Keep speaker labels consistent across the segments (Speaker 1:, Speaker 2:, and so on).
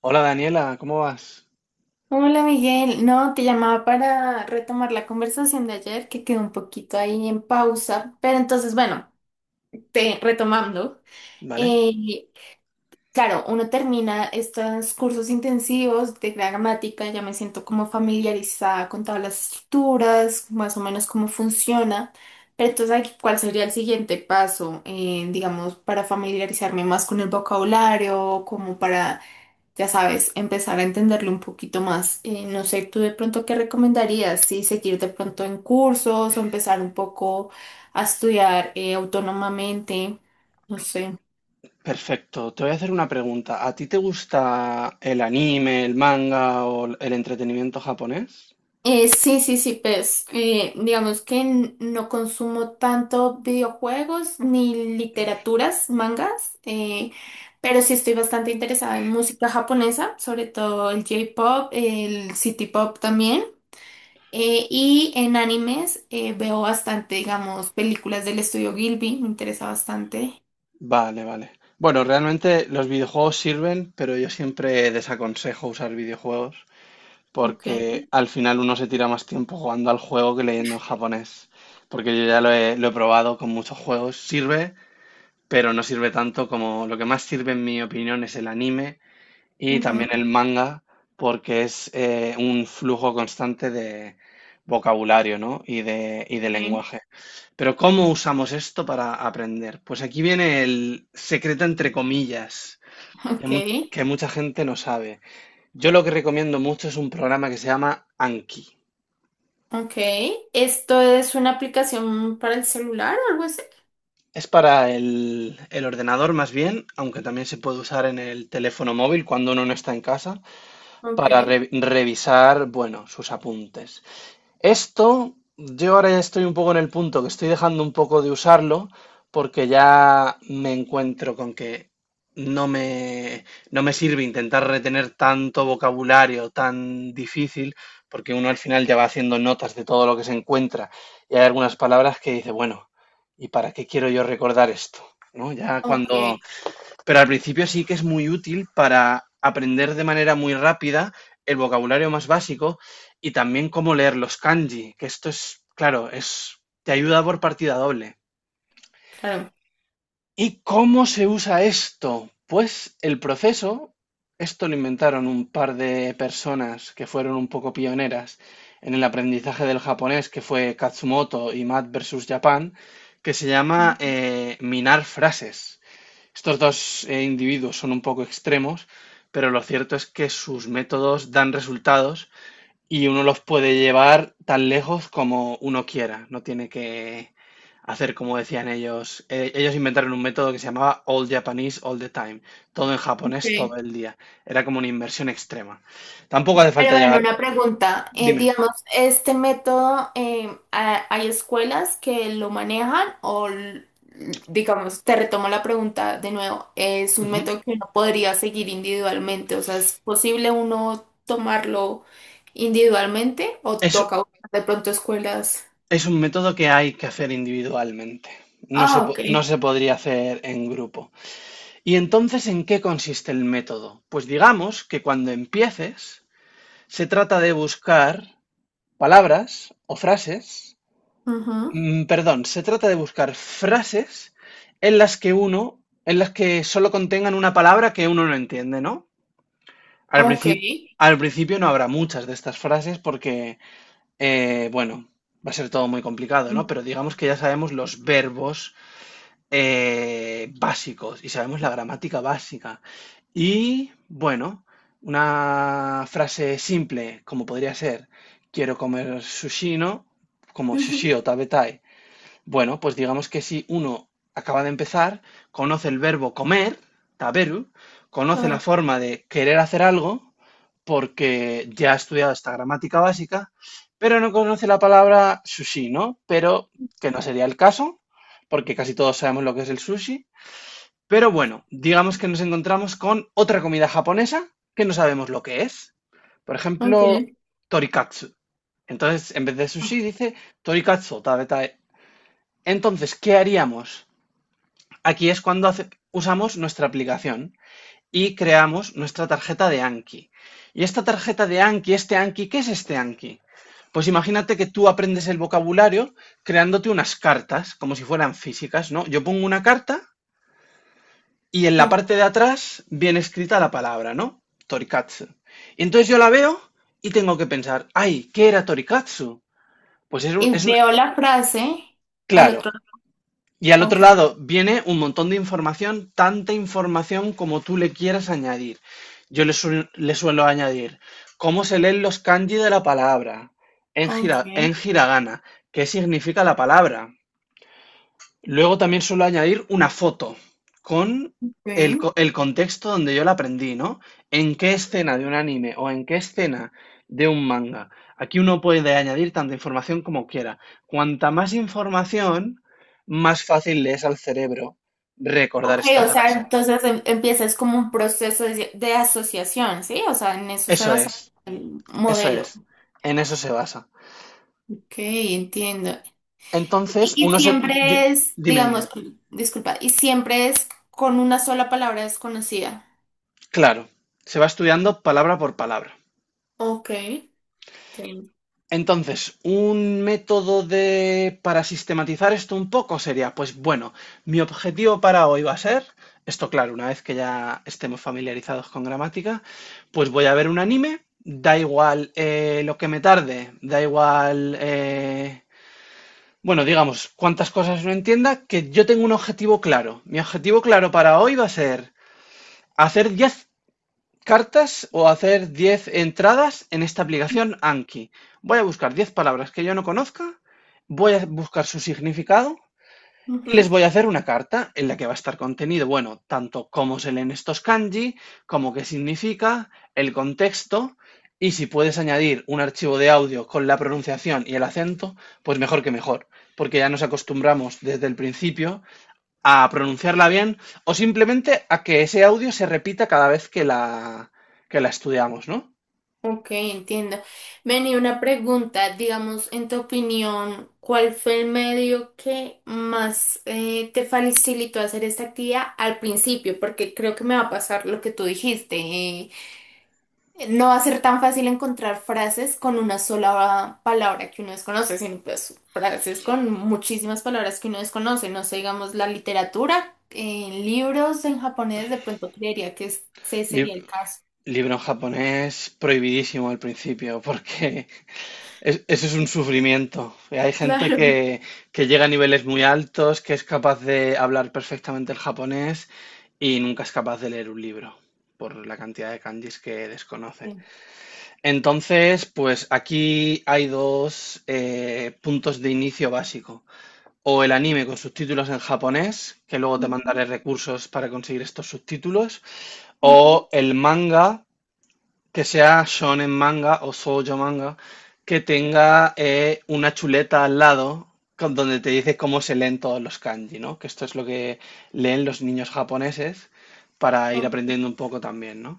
Speaker 1: Hola Daniela, ¿cómo vas?
Speaker 2: Hola Miguel, no, te llamaba para retomar la conversación de ayer que quedó un poquito ahí en pausa, pero entonces bueno, te retomando,
Speaker 1: ¿Vale?
Speaker 2: eh, claro, uno termina estos cursos intensivos de gramática, ya me siento como familiarizada con todas las estructuras, más o menos cómo funciona, pero entonces ahí, ¿cuál sería el siguiente paso, digamos, para familiarizarme más con el vocabulario, como para ya sabes, empezar a entenderlo un poquito más. No sé, tú de pronto qué recomendarías, si seguir de pronto en cursos o empezar un poco a estudiar autónomamente, no sé.
Speaker 1: Perfecto. Te voy a hacer una pregunta. ¿A ti te gusta el anime, el manga o el entretenimiento japonés?
Speaker 2: Sí, sí, sí, pues digamos que no consumo tanto videojuegos ni literaturas, mangas, pero sí estoy bastante interesada en música japonesa, sobre todo el J-pop, el city pop también. Y en animes veo bastante, digamos, películas del estudio Gilby, me interesa bastante.
Speaker 1: Vale, vale. Bueno, realmente los videojuegos sirven, pero yo siempre desaconsejo usar videojuegos
Speaker 2: Okay.
Speaker 1: porque al final uno se tira más tiempo jugando al juego que leyendo en japonés. Porque yo ya lo he probado con muchos juegos. Sirve, pero no sirve tanto como lo que más sirve en mi opinión es el anime. Y
Speaker 2: Ujú,
Speaker 1: también el manga, porque es un flujo constante de vocabulario, ¿no? Y de
Speaker 2: okay.
Speaker 1: lenguaje. Pero ¿cómo usamos esto para aprender? Pues aquí viene el secreto entre comillas, que,
Speaker 2: Ok,
Speaker 1: mu- que mucha gente no sabe. Yo lo que recomiendo mucho es un programa que se llama Anki.
Speaker 2: ok. ¿Esto es una aplicación para el celular o algo así?
Speaker 1: Es para el ordenador más bien, aunque también se puede usar en el teléfono móvil cuando uno no está en casa, para
Speaker 2: Okay.
Speaker 1: revisar, bueno, sus apuntes. Esto, yo ahora ya estoy un poco en el punto que estoy dejando un poco de usarlo porque ya me encuentro con que no me, no me sirve intentar retener tanto vocabulario tan difícil porque uno al final ya va haciendo notas de todo lo que se encuentra y hay algunas palabras que dice, bueno, ¿y para qué quiero yo recordar esto? ¿No? Ya
Speaker 2: Ok,
Speaker 1: cuando pero al principio sí que es muy útil para aprender de manera muy rápida el vocabulario más básico y también cómo leer los kanji, que esto es, claro, te ayuda por partida doble.
Speaker 2: claro.
Speaker 1: ¿Y cómo se usa esto? Pues el proceso, esto lo inventaron un par de personas que fueron un poco pioneras en el aprendizaje del japonés, que fue Katsumoto y Matt versus Japan, que se llama minar frases. Estos dos individuos son un poco extremos, pero lo cierto es que sus métodos dan resultados y uno los puede llevar tan lejos como uno quiera. No tiene que hacer como decían ellos. Ellos inventaron un método que se llamaba All Japanese All the Time, todo en japonés todo
Speaker 2: Ok.
Speaker 1: el día. Era como una inversión extrema. Tampoco hace
Speaker 2: Pero
Speaker 1: falta
Speaker 2: bueno,
Speaker 1: llegar.
Speaker 2: una pregunta.
Speaker 1: Dime.
Speaker 2: Digamos, ¿este método hay escuelas que lo manejan o, digamos, te retomo la pregunta de nuevo, es un
Speaker 1: Ujú.
Speaker 2: método que uno podría seguir individualmente? O sea, ¿es posible uno tomarlo individualmente o
Speaker 1: Es,
Speaker 2: toca buscar de pronto escuelas?
Speaker 1: es un método que hay que hacer individualmente. No se,
Speaker 2: Ah,
Speaker 1: po-
Speaker 2: ok.
Speaker 1: no se podría hacer en grupo. Y entonces, ¿en qué consiste el método? Pues digamos que cuando empieces, se trata de buscar palabras o frases,
Speaker 2: Ujú,
Speaker 1: perdón, se trata de buscar frases en las que uno, en las que solo contengan una palabra que uno no entiende, ¿no? Al
Speaker 2: ok.
Speaker 1: principio, al principio no habrá muchas de estas frases porque, bueno, va a ser todo muy complicado, ¿no?
Speaker 2: Mm.
Speaker 1: Pero digamos que ya sabemos los verbos básicos y sabemos la gramática básica. Y bueno, una frase simple como podría ser, quiero comer sushi, ¿no? Como
Speaker 2: Ujú,
Speaker 1: sushi o tabetai. Bueno, pues digamos que si uno acaba de empezar, conoce el verbo comer, taberu,
Speaker 2: a
Speaker 1: conoce la
Speaker 2: ver,
Speaker 1: forma de querer hacer algo, porque ya ha estudiado esta gramática básica, pero no conoce la palabra sushi, ¿no? Pero que no sería el caso, porque casi todos sabemos lo que es el sushi. Pero bueno, digamos que nos encontramos con otra comida japonesa que no sabemos lo que es. Por
Speaker 2: ok.
Speaker 1: ejemplo, torikatsu. Entonces, en vez de sushi,
Speaker 2: Ah,
Speaker 1: dice torikatsu, o entonces, ¿qué haríamos? Aquí es cuando usamos nuestra aplicación y creamos nuestra tarjeta de Anki. Y esta tarjeta de Anki, este Anki, ¿qué es este Anki? Pues imagínate que tú aprendes el vocabulario creándote unas cartas, como si fueran físicas, ¿no? Yo pongo una carta y en la
Speaker 2: ok.
Speaker 1: parte de atrás viene escrita la palabra, ¿no? Torikatsu. Y entonces yo la veo y tengo que pensar, ay, ¿qué era Torikatsu? Pues es un,
Speaker 2: Y
Speaker 1: es un,
Speaker 2: veo la frase al
Speaker 1: claro,
Speaker 2: otro
Speaker 1: y al
Speaker 2: lado.
Speaker 1: otro
Speaker 2: Ok.
Speaker 1: lado viene un montón de información, tanta información como tú le quieras añadir. Yo le suelo añadir cómo se leen los kanji de la palabra en,
Speaker 2: Ok.
Speaker 1: hira- en hiragana, qué significa la palabra. Luego también suelo añadir una foto con
Speaker 2: Ok.
Speaker 1: el contexto donde yo la aprendí, ¿no? ¿En qué escena de un anime o en qué escena de un manga? Aquí uno puede añadir tanta información como quiera. Cuanta más información, más fácil le es al cerebro recordar
Speaker 2: Ok,
Speaker 1: esta
Speaker 2: o sea,
Speaker 1: frase.
Speaker 2: entonces empieza es como un proceso de asociación, ¿sí? O sea, en eso se
Speaker 1: Eso
Speaker 2: basa
Speaker 1: es,
Speaker 2: el
Speaker 1: eso
Speaker 2: modelo.
Speaker 1: es. En eso se basa.
Speaker 2: Ok, entiendo.
Speaker 1: Entonces,
Speaker 2: Y
Speaker 1: uno se... di-
Speaker 2: siempre es,
Speaker 1: dime, dime.
Speaker 2: digamos, disculpa, y siempre es con una sola palabra desconocida.
Speaker 1: Claro, se va estudiando palabra por palabra.
Speaker 2: Ok, entiendo.
Speaker 1: Entonces, un método de para sistematizar esto un poco sería, pues bueno, mi objetivo para hoy va a ser, esto claro, una vez que ya estemos familiarizados con gramática, pues voy a ver un anime, da igual lo que me tarde, da igual, bueno, digamos, cuántas cosas no entienda, que yo tengo un objetivo claro. Mi objetivo claro para hoy va a ser hacer 10 cartas o hacer 10 entradas en esta aplicación Anki. Voy a buscar 10 palabras que yo no conozca, voy a buscar su significado y les voy a hacer una carta en la que va a estar contenido, bueno, tanto cómo se leen estos kanji, como qué significa, el contexto y si puedes añadir un archivo de audio con la pronunciación y el acento, pues mejor que mejor, porque ya nos acostumbramos desde el principio a pronunciarla bien o simplemente a que ese audio se repita cada vez que que la estudiamos, ¿no?
Speaker 2: Ok, entiendo. Vení, una pregunta, digamos, en tu opinión, ¿cuál fue el medio que más te facilitó hacer esta actividad al principio? Porque creo que me va a pasar lo que tú dijiste. No va a ser tan fácil encontrar frases con una sola palabra que uno desconoce, sino pues frases con muchísimas palabras que uno desconoce. No sé, digamos, la literatura, en libros en japonés, de pronto creería que ese
Speaker 1: Lib-
Speaker 2: sería el caso.
Speaker 1: Libro en japonés prohibidísimo al principio porque eso es un sufrimiento. Y hay gente
Speaker 2: Claro.
Speaker 1: que llega a niveles muy altos, que es capaz de hablar perfectamente el japonés y nunca es capaz de leer un libro por la cantidad de kanjis que desconoce.
Speaker 2: Sí.
Speaker 1: Entonces, pues aquí hay dos puntos de inicio básico, o el anime con subtítulos en japonés, que luego te
Speaker 2: Ujú,
Speaker 1: mandaré recursos para conseguir estos subtítulos,
Speaker 2: ujú.
Speaker 1: o el manga, que sea shonen manga o shoujo manga, que tenga una chuleta al lado donde te dice cómo se leen todos los kanji, ¿no? Que esto es lo que leen los niños japoneses para ir
Speaker 2: Ah.
Speaker 1: aprendiendo un poco también, ¿no?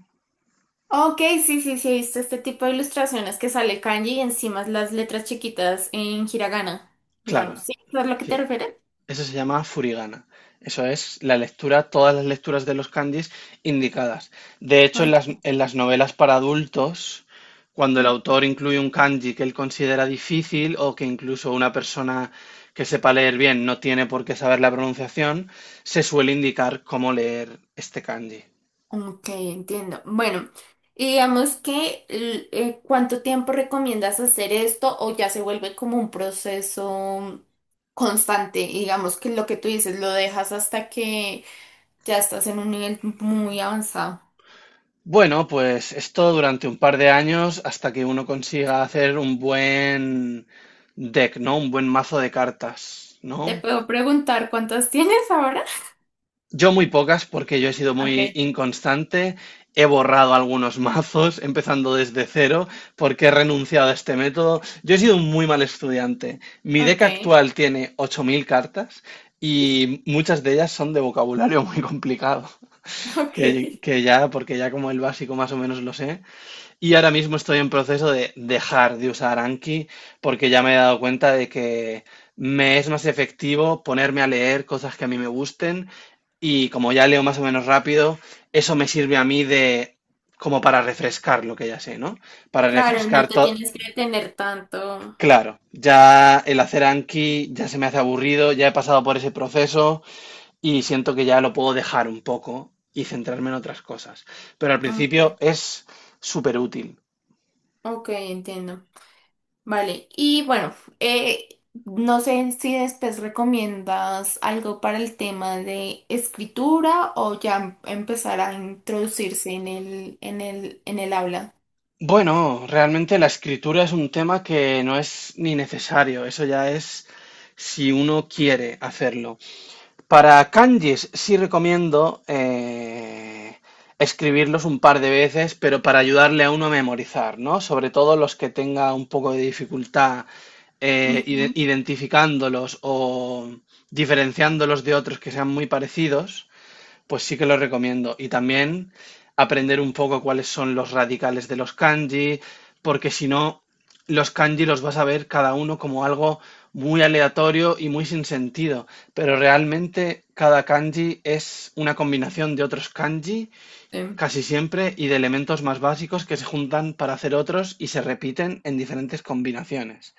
Speaker 2: Ok, sí, sí, sí, he visto este tipo de ilustraciones que sale kanji y encima las letras chiquitas en hiragana,
Speaker 1: Claro,
Speaker 2: digamos. ¿Sí? ¿Es a lo que te
Speaker 1: sí.
Speaker 2: refieres?
Speaker 1: Eso se llama furigana. Eso es la lectura, todas las lecturas de los kanjis indicadas. De hecho, en
Speaker 2: Ah,
Speaker 1: en las novelas para adultos, cuando el autor incluye un kanji que él considera difícil o que incluso una persona que sepa leer bien no tiene por qué saber la pronunciación, se suele indicar cómo leer este kanji.
Speaker 2: ok, entiendo. Bueno, y digamos que ¿cuánto tiempo recomiendas hacer esto o ya se vuelve como un proceso constante? Digamos que lo que tú dices lo dejas hasta que ya estás en un nivel muy avanzado.
Speaker 1: Bueno, pues esto durante un par de años hasta que uno consiga hacer un buen deck, ¿no? Un buen mazo de cartas,
Speaker 2: ¿Te
Speaker 1: ¿no?
Speaker 2: puedo preguntar cuántas tienes ahora?
Speaker 1: Yo muy pocas porque yo he sido
Speaker 2: Ok,
Speaker 1: muy inconstante, he borrado algunos mazos empezando desde cero porque he renunciado a este método. Yo he sido un muy mal estudiante. Mi deck
Speaker 2: ok,
Speaker 1: actual tiene 8.000 cartas y muchas de ellas son de vocabulario muy complicado,
Speaker 2: ok.
Speaker 1: que ya, porque ya como el básico más o menos lo sé, y ahora mismo estoy en proceso de dejar de usar Anki porque ya me he dado cuenta de que me es más efectivo ponerme a leer cosas que a mí me gusten y como ya leo más o menos rápido, eso me sirve a mí de como para refrescar lo que ya sé, ¿no? Para
Speaker 2: Claro, y no
Speaker 1: refrescar
Speaker 2: te
Speaker 1: todo.
Speaker 2: tienes que detener tanto.
Speaker 1: Claro, ya el hacer Anki ya se me hace aburrido, ya he pasado por ese proceso y siento que ya lo puedo dejar un poco y centrarme en otras cosas. Pero al principio
Speaker 2: Okay,
Speaker 1: es súper útil.
Speaker 2: ok, entiendo. Vale, y bueno, no sé si después recomiendas algo para el tema de escritura o ya empezar a introducirse en en el habla.
Speaker 1: Bueno, realmente la escritura es un tema que no es ni necesario, eso ya es si uno quiere hacerlo. Para kanjis sí recomiendo escribirlos un par de veces, pero para ayudarle a uno a memorizar, ¿no? Sobre todo los que tenga un poco de dificultad
Speaker 2: Ujú.
Speaker 1: identificándolos o diferenciándolos de otros que sean muy parecidos. Pues sí que lo recomiendo. Y también aprender un poco cuáles son los radicales de los kanji, porque si no, los kanji los vas a ver cada uno como algo muy aleatorio y muy sin sentido. Pero realmente cada kanji es una combinación de otros kanji,
Speaker 2: Sí.
Speaker 1: casi siempre, y de elementos más básicos que se juntan para hacer otros y se repiten en diferentes combinaciones.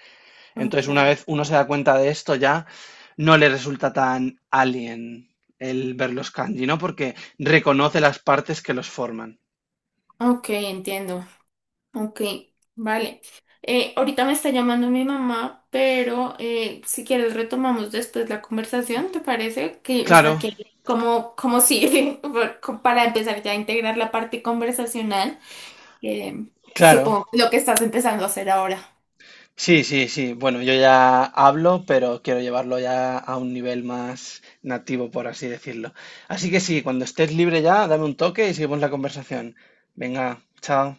Speaker 1: Entonces,
Speaker 2: Ok,
Speaker 1: una vez uno se da cuenta de esto, ya no le resulta tan alien el ver los kanji, ¿no? Porque reconoce las partes que los forman.
Speaker 2: ok, entiendo. Ok, vale. Ahorita me está llamando mi mamá, pero si quieres retomamos después la conversación, ¿te parece? Que, o sea,
Speaker 1: Claro,
Speaker 2: que como, como si, para empezar ya a integrar la parte conversacional, que
Speaker 1: claro.
Speaker 2: supongo lo que estás empezando a hacer ahora.
Speaker 1: Sí, sí, sí. Bueno, yo ya hablo, pero quiero llevarlo ya a un nivel más nativo, por así decirlo. Así que sí, cuando estés libre ya, dame un toque y seguimos la conversación. Venga, chao.